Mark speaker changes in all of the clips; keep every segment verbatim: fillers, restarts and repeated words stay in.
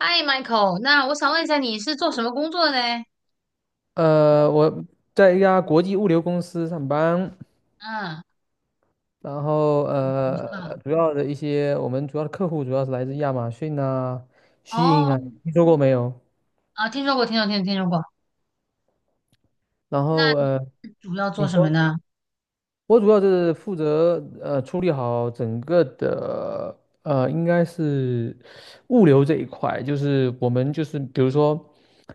Speaker 1: 嗨，Michael，那我想问一下，你是做什么工作的嘞？
Speaker 2: 呃，我在一家国际物流公司上班，
Speaker 1: 嗯。嗯。
Speaker 2: 然后
Speaker 1: 我知
Speaker 2: 呃，
Speaker 1: 道了。
Speaker 2: 主要的一些我们主要的客户主要是来自亚马逊啊、s h
Speaker 1: 哦。
Speaker 2: 啊，听说过没有？
Speaker 1: 啊，听说过，听说过，听说，听说过。
Speaker 2: 然
Speaker 1: 那
Speaker 2: 后
Speaker 1: 你
Speaker 2: 呃，
Speaker 1: 主要做
Speaker 2: 你
Speaker 1: 什么
Speaker 2: 说。
Speaker 1: 呢？
Speaker 2: 我主要是负责呃处理好整个的呃，应该是物流这一块，就是我们就是比如说，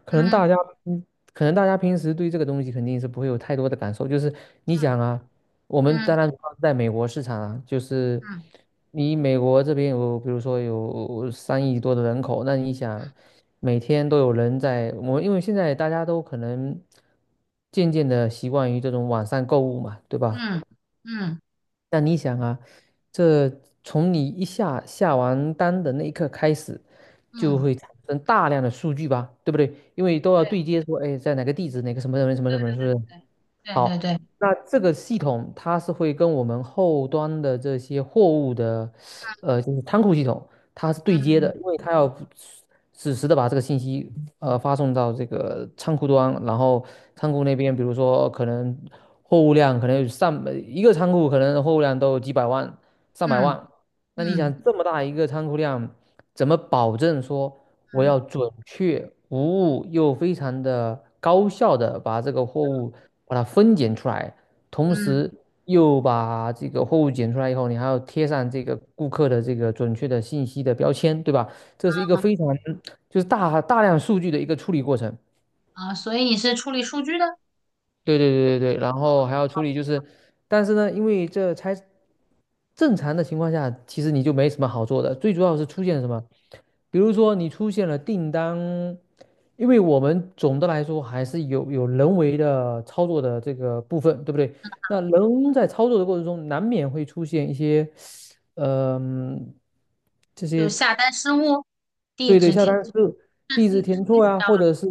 Speaker 2: 可能大
Speaker 1: 嗯。
Speaker 2: 家嗯可能大家平时对这个东西肯定是不会有太多的感受，就是你
Speaker 1: 嗯。
Speaker 2: 想啊，我们当
Speaker 1: 嗯。
Speaker 2: 然主要是在美国市场啊，就是
Speaker 1: 嗯。
Speaker 2: 你美国这边有比如说有三亿多的人口，那你想每天都有人在，我因为现在大家都可能渐渐的习惯于这种网上购物嘛，对吧？
Speaker 1: 嗯。嗯。
Speaker 2: 那你想啊，这从你一下下完单的那一刻开始，就
Speaker 1: 嗯。
Speaker 2: 会产生大量的数据吧，对不对？因为都要
Speaker 1: 对，
Speaker 2: 对接说，哎，在哪个地址，哪个什么什么什么
Speaker 1: 对，
Speaker 2: 什么，是不
Speaker 1: 对，
Speaker 2: 是？
Speaker 1: 对，对，
Speaker 2: 好，
Speaker 1: 对，对，对。
Speaker 2: 那这个系统它是会跟我们后端的这些货物的，呃，就是仓库系统。它是对接的，
Speaker 1: 嗯。
Speaker 2: 因为它要实时的把这个信息呃发送到这个仓库端，然后仓库那边，比如说可能货物量可能有上一个仓库可能货物量都有几百万、上百
Speaker 1: 嗯。
Speaker 2: 万，那你想
Speaker 1: 嗯。
Speaker 2: 这么大一个仓库量，怎么保证说我
Speaker 1: 嗯。
Speaker 2: 要准确无误又非常的高效的把这个货物把它分拣出来？同
Speaker 1: 嗯。
Speaker 2: 时又把这个货物检出来以后，你还要贴上这个顾客的这个准确的信息的标签，对吧？这是一个非常就是大大量数据的一个处理过程。
Speaker 1: 啊，所以你是处理数据的，
Speaker 2: 对对对对对，然后还要处理就是，但是呢，因为这才正常的情况下，其实你就没什么好做的。最主要是出现什么？比如说你出现了订单，因为我们总的来说还是有有人为的操作的这个部分，对不对？那人在操作的过程中，难免会出现一些，嗯、这
Speaker 1: 就
Speaker 2: 些，
Speaker 1: 下单失误、地
Speaker 2: 对对，
Speaker 1: 址
Speaker 2: 下
Speaker 1: 填。
Speaker 2: 单是
Speaker 1: 嗯。
Speaker 2: 地址
Speaker 1: 嗯。是
Speaker 2: 填
Speaker 1: 类
Speaker 2: 错
Speaker 1: 似
Speaker 2: 啊，
Speaker 1: 这样
Speaker 2: 或
Speaker 1: 吗？
Speaker 2: 者是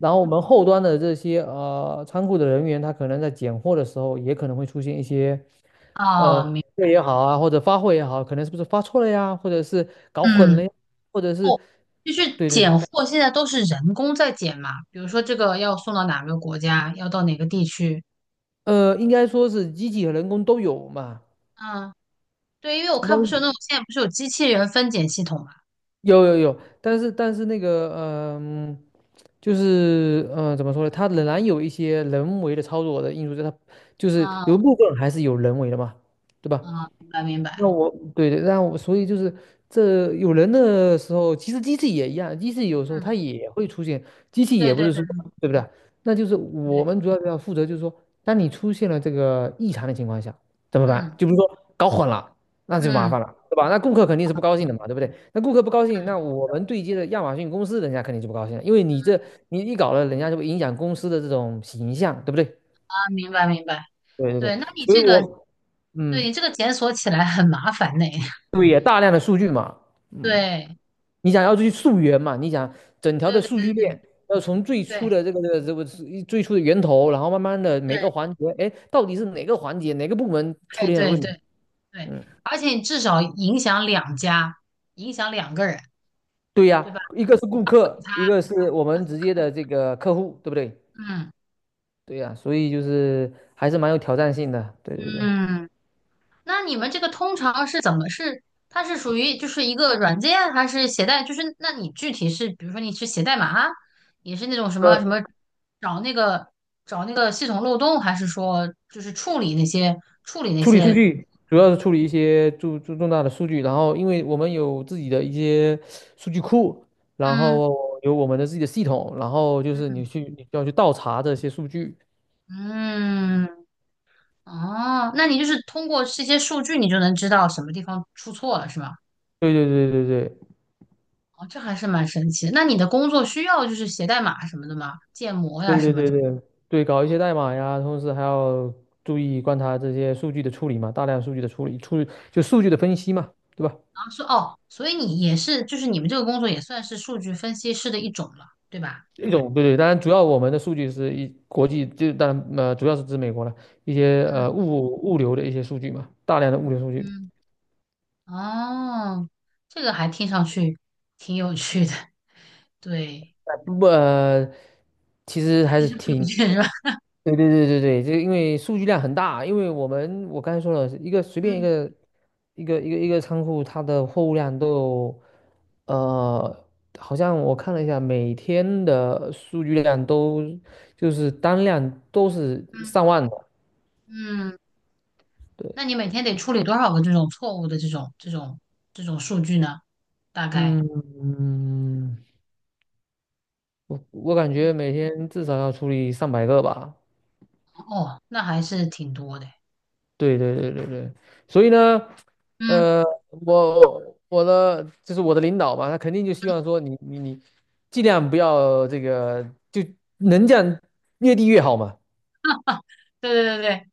Speaker 1: 嗯。
Speaker 2: 后我们后端的这些呃仓库的人员，他可能在拣货的时候，也可能会出现一些呃
Speaker 1: 哦，明，
Speaker 2: 对也好啊，或者发货也好，可能是不是发错了呀，或者是搞混了
Speaker 1: 嗯。
Speaker 2: 呀，或者是。
Speaker 1: 就是
Speaker 2: 对对，
Speaker 1: 拣货，现在都是人工在拣嘛，比如说这个要送到哪个国家，要到哪个地区。
Speaker 2: 呃，应该说是机器和人工都有嘛。
Speaker 1: 嗯。对，因为我
Speaker 2: 但
Speaker 1: 看不
Speaker 2: 是
Speaker 1: 是有那种现在不是有机器人分拣系统嘛。
Speaker 2: 有有有，但是但是那个嗯、就是嗯、呃怎么说呢？它仍然有一些人为的操作的因素在它，就是有一
Speaker 1: 嗯。
Speaker 2: 部分还是有人为的嘛，对吧？
Speaker 1: 嗯。明白明白。
Speaker 2: 那我对对，那我所以就是这有人的时候，其实机器也一样，机器有时候它
Speaker 1: 嗯。
Speaker 2: 也会出现，机器
Speaker 1: 对，
Speaker 2: 也不
Speaker 1: 对，
Speaker 2: 是
Speaker 1: 对，
Speaker 2: 说，对不对？那就是
Speaker 1: 对，
Speaker 2: 我
Speaker 1: 对。
Speaker 2: 们主要要负责，就是说，当你出现了这个异常的情况下，怎么办？
Speaker 1: 嗯。
Speaker 2: 就比如说搞混了，那就麻
Speaker 1: 嗯。
Speaker 2: 烦了，对吧？那顾客肯定是不高兴的
Speaker 1: 嗯。
Speaker 2: 嘛，对不对？那顾客不高兴，那
Speaker 1: 嗯。
Speaker 2: 我们对接的亚马逊公司，人家肯定就不高兴了，因为你这你一搞了，人家就会影响公司的这种形象，对不对？
Speaker 1: 啊，明白明白。
Speaker 2: 对对对，
Speaker 1: 对，那你
Speaker 2: 所以
Speaker 1: 这个，
Speaker 2: 我
Speaker 1: 对
Speaker 2: 嗯，
Speaker 1: 你这个检索起来很麻烦呢。
Speaker 2: 对，也大量的数据嘛。嗯。
Speaker 1: 对，
Speaker 2: 你想要去溯源嘛？你想整条
Speaker 1: 对，
Speaker 2: 的
Speaker 1: 对，
Speaker 2: 数据
Speaker 1: 对，
Speaker 2: 链要从最初
Speaker 1: 对，
Speaker 2: 的
Speaker 1: 对，
Speaker 2: 这个这个这个是最初的源头，然后慢慢的每个
Speaker 1: 对。
Speaker 2: 环节，哎，到底是哪个环节哪个部门出
Speaker 1: 哎，
Speaker 2: 现了
Speaker 1: 对，
Speaker 2: 问题？
Speaker 1: 对，对。
Speaker 2: 嗯，
Speaker 1: 而且你至少影响两家，影响两个人，
Speaker 2: 对呀，
Speaker 1: 对吧？
Speaker 2: 一个是顾客，一个是我们直接的这个客户，对不对？
Speaker 1: 嗯。
Speaker 2: 对呀，所以就是还是蛮有挑战性的。对对对。
Speaker 1: 嗯。那你们这个通常是怎么是？它是属于就是一个软件，还是携带？就是那你具体是，比如说你是写代码，也是那种什么什
Speaker 2: 呃，
Speaker 1: 么找那个找那个系统漏洞，还是说就是处理那些处理那
Speaker 2: 处理数
Speaker 1: 些？
Speaker 2: 据主要是处理一些重重重大的数据，然后因为我们有自己的一些数据库，然
Speaker 1: 嗯。
Speaker 2: 后有我们的自己的系统，然后就是你去你要去倒查这些数据，
Speaker 1: 嗯。哦，那你就是通过这些数据，你就能知道什么地方出错了，是吗？
Speaker 2: 对对对对对
Speaker 1: 哦，这还是蛮神奇的，那你的工作需要就是写代码什么的吗？建模呀
Speaker 2: 对
Speaker 1: 什
Speaker 2: 对
Speaker 1: 么
Speaker 2: 对
Speaker 1: 的。
Speaker 2: 对对，搞一些代码呀，同时还要注意观察这些数据的处理嘛，大量数据的处理，处就数据的分析嘛，对吧？
Speaker 1: 啊说哦，所以你也是，就是你们这个工作也算是数据分析师的一种了，对吧？
Speaker 2: 一种，对对，当然主要我们的数据是一国际，就当然呃主要是指美国了，一些呃
Speaker 1: 嗯。
Speaker 2: 物物流的一些数据嘛，大量的物流数据。
Speaker 1: 嗯。哦，这个还听上去挺有趣的，对。
Speaker 2: 不，呃，其实还 是
Speaker 1: 有
Speaker 2: 挺，
Speaker 1: 趣是吧？
Speaker 2: 对对对对对，这因为数据量很大，因为我们我刚才说了，一个随便一
Speaker 1: 嗯。
Speaker 2: 个一个一个一个仓库，它的货物量都有，呃，好像我看了一下，每天的数据量都就是单量都是
Speaker 1: 嗯。
Speaker 2: 上万的，
Speaker 1: 嗯。
Speaker 2: 对，
Speaker 1: 那你每天得处理多少个这种错误的这种这种这种数据呢？大概
Speaker 2: 嗯，我我感觉每天至少要处理上百个吧。
Speaker 1: 哦，那还是挺多的。
Speaker 2: 对对对对对，所以呢，
Speaker 1: 嗯，
Speaker 2: 呃，我我的就是我的领导嘛，他肯定就希望说你你你尽量不要这个，就能降越低越好嘛，
Speaker 1: 对，对，对，对。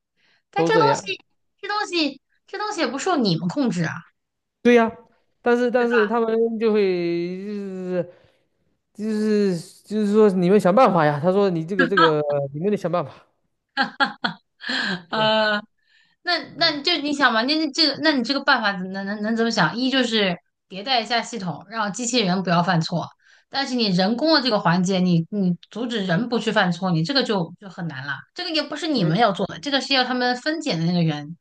Speaker 1: 但
Speaker 2: 都
Speaker 1: 这
Speaker 2: 这
Speaker 1: 东
Speaker 2: 样。
Speaker 1: 西，这东西，这东西也不受你们控制啊，
Speaker 2: 对呀、但是
Speaker 1: 对
Speaker 2: 但是
Speaker 1: 吧？
Speaker 2: 他们就会就是就是就是说你们想办法呀，他说你这个这个你们得想办法。对，
Speaker 1: 呃。那
Speaker 2: 嗯，
Speaker 1: 那就你想嘛，那那这个，那你这个办法能能能怎么想？一就是迭代一下系统，让机器人不要犯错，但是你人工的这个环节，你你阻止人不去犯错，你这个就就很难了。这个也不是你们
Speaker 2: 对。
Speaker 1: 要做的，这个是要他们分拣的那个人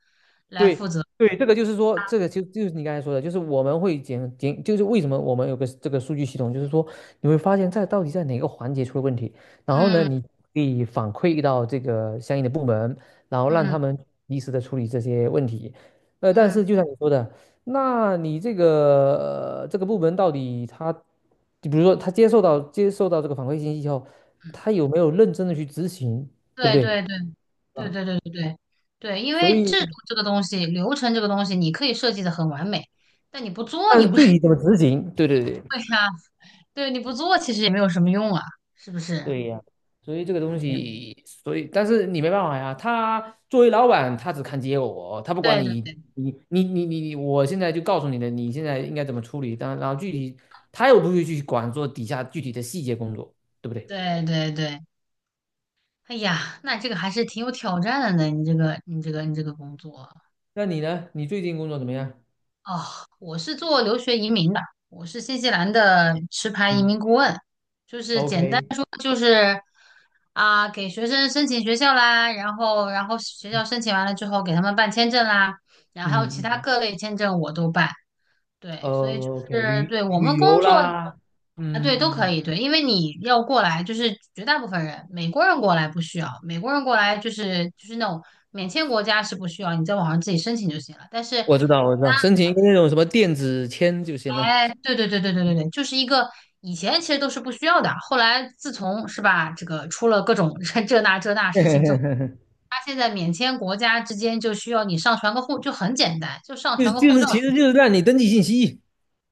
Speaker 1: 来负
Speaker 2: 对
Speaker 1: 责。
Speaker 2: 对，这个就是说，这个就就是你刚才说的，就是我们会检检，就是为什么我们有个这个数据系统，就是说你会发现在到底在哪个环节出了问题，然后呢，
Speaker 1: 嗯。
Speaker 2: 你可以反馈到这个相应的部门，然后让
Speaker 1: 嗯。
Speaker 2: 他们及时的处理这些问题。呃，但
Speaker 1: 嗯。
Speaker 2: 是就像你说的，那你这个、呃这个部门到底他，就比如说他接受到接受到这个反馈信息以后，他有没有认真的去执行，对不
Speaker 1: 对，
Speaker 2: 对？
Speaker 1: 对，对，对，
Speaker 2: 啊，
Speaker 1: 对，对，对，对，对。因
Speaker 2: 所
Speaker 1: 为
Speaker 2: 以，
Speaker 1: 制度这个东西，流程这个东西，你可以设计的很完美，但你不做，
Speaker 2: 但
Speaker 1: 你
Speaker 2: 是
Speaker 1: 不
Speaker 2: 具体怎么 执行，对对对。
Speaker 1: 对呀、对，你不做其实也没有什么用啊，是不是？
Speaker 2: 对呀，所以这个东
Speaker 1: Yeah.
Speaker 2: 西，所以但是你没办法呀。他作为老板，他只看结果，他不管
Speaker 1: 对，对，
Speaker 2: 你，
Speaker 1: 对，
Speaker 2: 你你你你，你。我现在就告诉你的，你现在应该怎么处理。但然后具体他又不会去管做底下具体的细节工作，对不对？
Speaker 1: 对，对，对。哎呀，那这个还是挺有挑战的呢。你这个你这个你这个工作，
Speaker 2: 那你呢？你最近工作怎么样？
Speaker 1: 哦，我是做留学移民的，我是新西兰的持牌移
Speaker 2: 嗯
Speaker 1: 民顾问，就是简单
Speaker 2: ，O K，
Speaker 1: 说就是，啊，给学生申请学校啦，然后然后学校
Speaker 2: 嗯
Speaker 1: 申请完了之后给他们办签证啦，然后还有其
Speaker 2: 嗯，
Speaker 1: 他
Speaker 2: 嗯
Speaker 1: 各类签证我都办。对，所以就
Speaker 2: o k，
Speaker 1: 是
Speaker 2: 旅
Speaker 1: 对我们
Speaker 2: 旅
Speaker 1: 工
Speaker 2: 游
Speaker 1: 作。
Speaker 2: 啦，
Speaker 1: 啊，
Speaker 2: 嗯
Speaker 1: 对，都可
Speaker 2: 嗯，
Speaker 1: 以，对，因为你要过来，就是绝大部分人，美国人过来不需要，美国人过来就是就是那种免签国家是不需要，你在网上自己申请就行了。但是，
Speaker 2: 我知道我知道，申请一个那种什么电子签就行了，
Speaker 1: 哎，对，对，对，对，对，对，对，就是一个以前其实都是不需要的，后来自从是吧，这个出了各种 这那这那事情之后，他现在免签国家之间就需要你上传个护，就很简单，就上
Speaker 2: 就是
Speaker 1: 传个
Speaker 2: 就
Speaker 1: 护
Speaker 2: 是
Speaker 1: 照。
Speaker 2: 其实就是让你登记信息。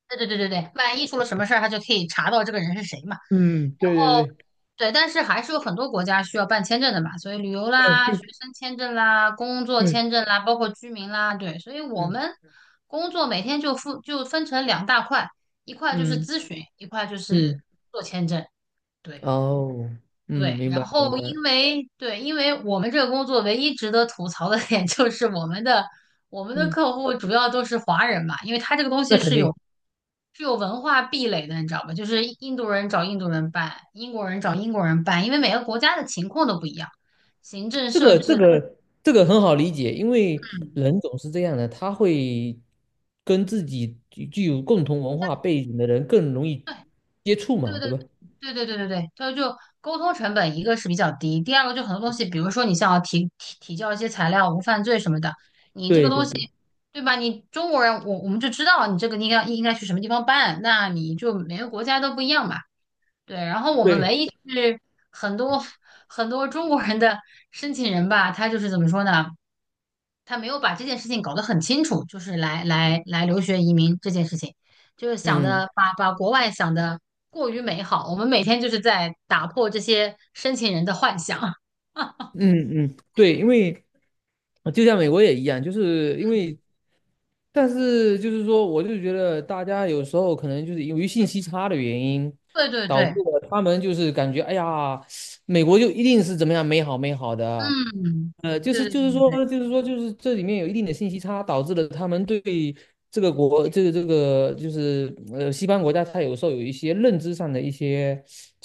Speaker 1: 对，对，对，对，对。万一出了什么事儿，他就可以查到这个人是谁嘛。
Speaker 2: 嗯，对对
Speaker 1: 哦。
Speaker 2: 对，
Speaker 1: 对，但是还是有很多国家需要办签证的嘛，所以旅游
Speaker 2: 嗯，
Speaker 1: 啦、学
Speaker 2: 对
Speaker 1: 生签证啦、工作
Speaker 2: 对，
Speaker 1: 签证啦，包括居民啦，对，所以我
Speaker 2: 嗯
Speaker 1: 们工作每天就分就分成两大块，一块就是
Speaker 2: 嗯
Speaker 1: 咨询，一块就是
Speaker 2: 嗯，
Speaker 1: 做签证，对，
Speaker 2: 哦，嗯，
Speaker 1: 对。
Speaker 2: 明
Speaker 1: 然
Speaker 2: 白明
Speaker 1: 后
Speaker 2: 白，
Speaker 1: 因为对，因为我们这个工作唯一值得吐槽的点 就是我们的我们的
Speaker 2: 嗯，
Speaker 1: 客户主要都是华人嘛，因为他这个东西
Speaker 2: 那肯
Speaker 1: 是
Speaker 2: 定，
Speaker 1: 有是有文化壁垒的，你知道吧？就是印度人找印度人办，英国人找英国人办，因为每个国家的情况都不一样，行政
Speaker 2: 这
Speaker 1: 设
Speaker 2: 个这
Speaker 1: 置的。
Speaker 2: 个这个很好理解，因为
Speaker 1: 嗯，
Speaker 2: 人总是这样的，他会跟自己具具有共同文化背景的人更容易接触
Speaker 1: 对，
Speaker 2: 嘛，
Speaker 1: 对，
Speaker 2: 对
Speaker 1: 对，
Speaker 2: 吧？
Speaker 1: 对，对，对，对，对。就就沟通成本，一个是比较低，第二个就很多东西，比如说你想要提提提交一些材料，无犯罪什么的，你这个
Speaker 2: 对
Speaker 1: 东
Speaker 2: 对
Speaker 1: 西
Speaker 2: 对
Speaker 1: 对吧？你中国人，我我们就知道你这个应该应该去什么地方办，那你就每个国家都不一样嘛。对，然后我们
Speaker 2: 对，
Speaker 1: 唯一就是很多很多中国人的申请人吧，他就是怎么说呢？他没有把这件事情搞得很清楚，就是来来来留学移民这件事情，就是想
Speaker 2: 嗯
Speaker 1: 的把把国外想的过于美好。我们每天就是在打破这些申请人的幻想。
Speaker 2: 嗯嗯，对，因为就像美国也一样，就是因为但是就是说，我就觉得大家有时候可能就是由于信息差的原因，
Speaker 1: 对，对，
Speaker 2: 导致
Speaker 1: 对。
Speaker 2: 了他们就是感觉，哎呀，美国就一定是怎么样美好美好的，
Speaker 1: 嗯。
Speaker 2: 呃，就是
Speaker 1: 对，
Speaker 2: 就是
Speaker 1: 对，
Speaker 2: 说就是说就是这里面有一定的信息差，导致了他们对这个国这个这个就是呃西方国家，它有时候有一些认知上的一些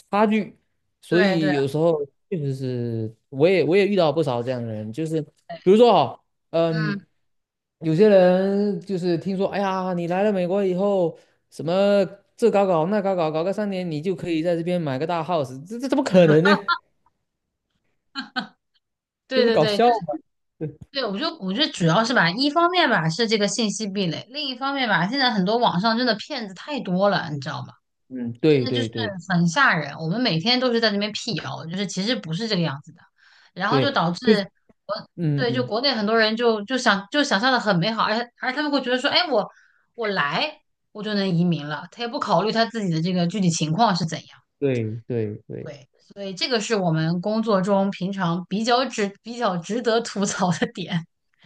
Speaker 2: 差距，所
Speaker 1: 对，对，
Speaker 2: 以
Speaker 1: 对。
Speaker 2: 有时候确实是我也我也遇到不少这样的人，就是比如说哈。嗯，
Speaker 1: 嗯。
Speaker 2: 有些人就是听说，哎呀，你来了美国以后，什么这搞搞那搞搞，搞个三年，你就可以在这边买个大 house，这这怎么可能呢？这不
Speaker 1: 对，
Speaker 2: 是
Speaker 1: 对，
Speaker 2: 搞
Speaker 1: 对。
Speaker 2: 笑吗？对，
Speaker 1: 对，我就我觉得主要是吧，一方面吧是这个信息壁垒，另一方面吧，现在很多网上真的骗子太多了，你知道吗？
Speaker 2: 嗯，
Speaker 1: 真
Speaker 2: 对
Speaker 1: 的就
Speaker 2: 对
Speaker 1: 是
Speaker 2: 对
Speaker 1: 很吓人。我们每天都是在那边辟谣，就是其实不是这个样子的，然后就
Speaker 2: 对，
Speaker 1: 导致国，
Speaker 2: 嗯
Speaker 1: 对，就
Speaker 2: 嗯，
Speaker 1: 国内很多人就就想就想象的很美好，而且而且他们会觉得说，哎，我我来我就能移民了，他也不考虑他自己的这个具体情况是怎样。
Speaker 2: 对对对，
Speaker 1: 对，所以这个是我们工作中平常比较值比较值得吐槽的点。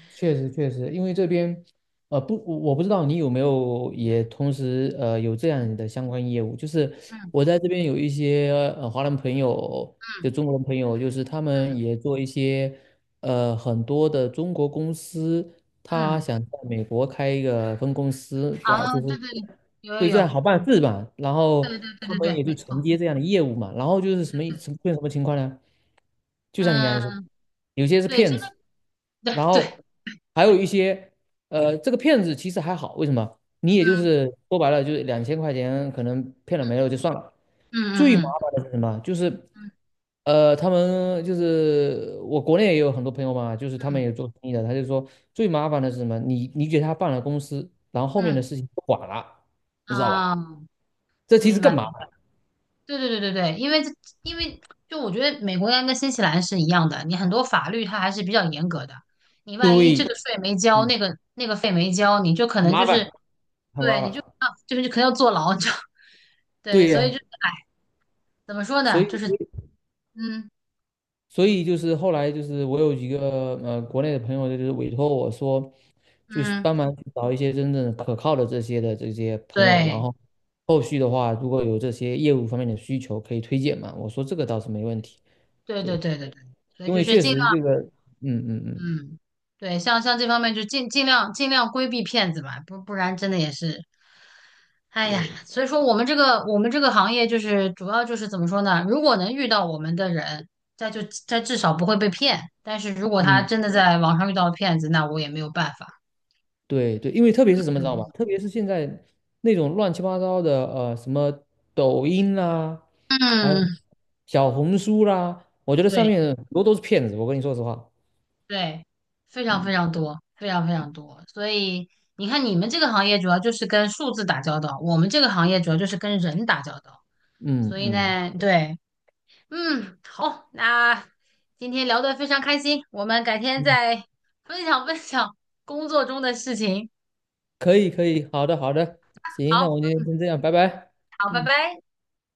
Speaker 2: 确实确实，因为这边，呃，不，我我不知道你有没有也同时呃有这样的相关业务，就是
Speaker 1: 嗯。
Speaker 2: 我在这边有一些呃华人朋友，就
Speaker 1: 嗯。
Speaker 2: 中国人朋友，就是他们也做一些呃很多的中国公司，他
Speaker 1: 嗯。
Speaker 2: 想在美国开一个分公司，啊，
Speaker 1: 啊，
Speaker 2: 就
Speaker 1: 对，
Speaker 2: 是。
Speaker 1: 对，对。有，有，
Speaker 2: 对，这样
Speaker 1: 有。
Speaker 2: 好办事嘛。然后
Speaker 1: 对，
Speaker 2: 他
Speaker 1: 对，
Speaker 2: 们
Speaker 1: 对，
Speaker 2: 也
Speaker 1: 没
Speaker 2: 就承
Speaker 1: 错。
Speaker 2: 接这样的业务嘛。然后就是什么什么出现什么情况呢？就像你刚才说，
Speaker 1: 嗯。
Speaker 2: 有些是
Speaker 1: 对，这
Speaker 2: 骗
Speaker 1: 个。
Speaker 2: 子，
Speaker 1: 对，
Speaker 2: 然
Speaker 1: 对。
Speaker 2: 后还有一些呃，这个骗子其实还好，为什么？你也就
Speaker 1: 嗯。
Speaker 2: 是说白了，就是两千块钱可能骗了没了就算了。最麻
Speaker 1: 嗯。嗯。
Speaker 2: 烦的是什么？就是，
Speaker 1: 嗯。
Speaker 2: 呃，他们就是我国内也有很多朋友嘛，就是他们
Speaker 1: 嗯。
Speaker 2: 也做生意的，他就说最麻烦的是什么？你你给他办了公司，然后后
Speaker 1: 嗯。
Speaker 2: 面的
Speaker 1: 嗯。
Speaker 2: 事情不管了，你知道吧？
Speaker 1: 啊，
Speaker 2: 这其实
Speaker 1: 明
Speaker 2: 更
Speaker 1: 白。
Speaker 2: 麻烦。
Speaker 1: 对，对，对，对，对。因为这，因为就我觉得美国应该跟新西兰是一样的，你很多法律它还是比较严格的。你万一这个
Speaker 2: 对，
Speaker 1: 税没交，那
Speaker 2: 嗯，
Speaker 1: 个那个费没交，你就可能就
Speaker 2: 麻
Speaker 1: 是
Speaker 2: 烦，很
Speaker 1: 对，
Speaker 2: 麻
Speaker 1: 你就
Speaker 2: 烦。
Speaker 1: 啊，就是可能要坐牢，就 对，
Speaker 2: 对
Speaker 1: 所以
Speaker 2: 呀、
Speaker 1: 就怎么说
Speaker 2: 所
Speaker 1: 呢？
Speaker 2: 以，
Speaker 1: 就是，嗯。
Speaker 2: 所以就是后来就是我有几个呃国内的朋友，就是委托我说，就是
Speaker 1: 嗯。
Speaker 2: 帮忙去找一些真正可靠的这些的这些朋友，然
Speaker 1: 对，
Speaker 2: 后后续的话，如果有这些业务方面的需求，可以推荐嘛。我说这个倒是没问题，
Speaker 1: 对，对，
Speaker 2: 对，
Speaker 1: 对，对，对。所以
Speaker 2: 因
Speaker 1: 就
Speaker 2: 为
Speaker 1: 是
Speaker 2: 确
Speaker 1: 尽。
Speaker 2: 实
Speaker 1: 量。
Speaker 2: 这个，嗯嗯嗯，
Speaker 1: 嗯，对，像像这方面就尽尽量尽量规避骗子吧，不不然真的也是。哎呀，
Speaker 2: 对。
Speaker 1: 所以说我们这个我们这个行业就是主要就是怎么说呢？如果能遇到我们的人，他就他至少不会被骗，但是如果他
Speaker 2: 嗯，
Speaker 1: 真的在网上遇到骗子，那我也没有办法。
Speaker 2: 对对，因为特别是什么知道吗？
Speaker 1: 嗯。
Speaker 2: 特别是现在那种乱七八糟的，呃，什么抖音啦，还有
Speaker 1: 嗯。
Speaker 2: 小红书啦，我觉得上
Speaker 1: 对，
Speaker 2: 面很多都是骗子。我跟你说实话，
Speaker 1: 对。非常非
Speaker 2: 嗯。
Speaker 1: 常多，非常非常多。所以你看，你们这个行业主要就是跟数字打交道，我们这个行业主要就是跟人打交道。
Speaker 2: 嗯
Speaker 1: 所以
Speaker 2: 嗯
Speaker 1: 呢，对。嗯，好，那今天聊得非常开心，我们改天
Speaker 2: 嗯，
Speaker 1: 再分享分享工作中的事情。
Speaker 2: 可以可以，好的好的，行，那我
Speaker 1: 好。
Speaker 2: 们今天先这样，拜拜。
Speaker 1: 好，拜
Speaker 2: 嗯。
Speaker 1: 拜。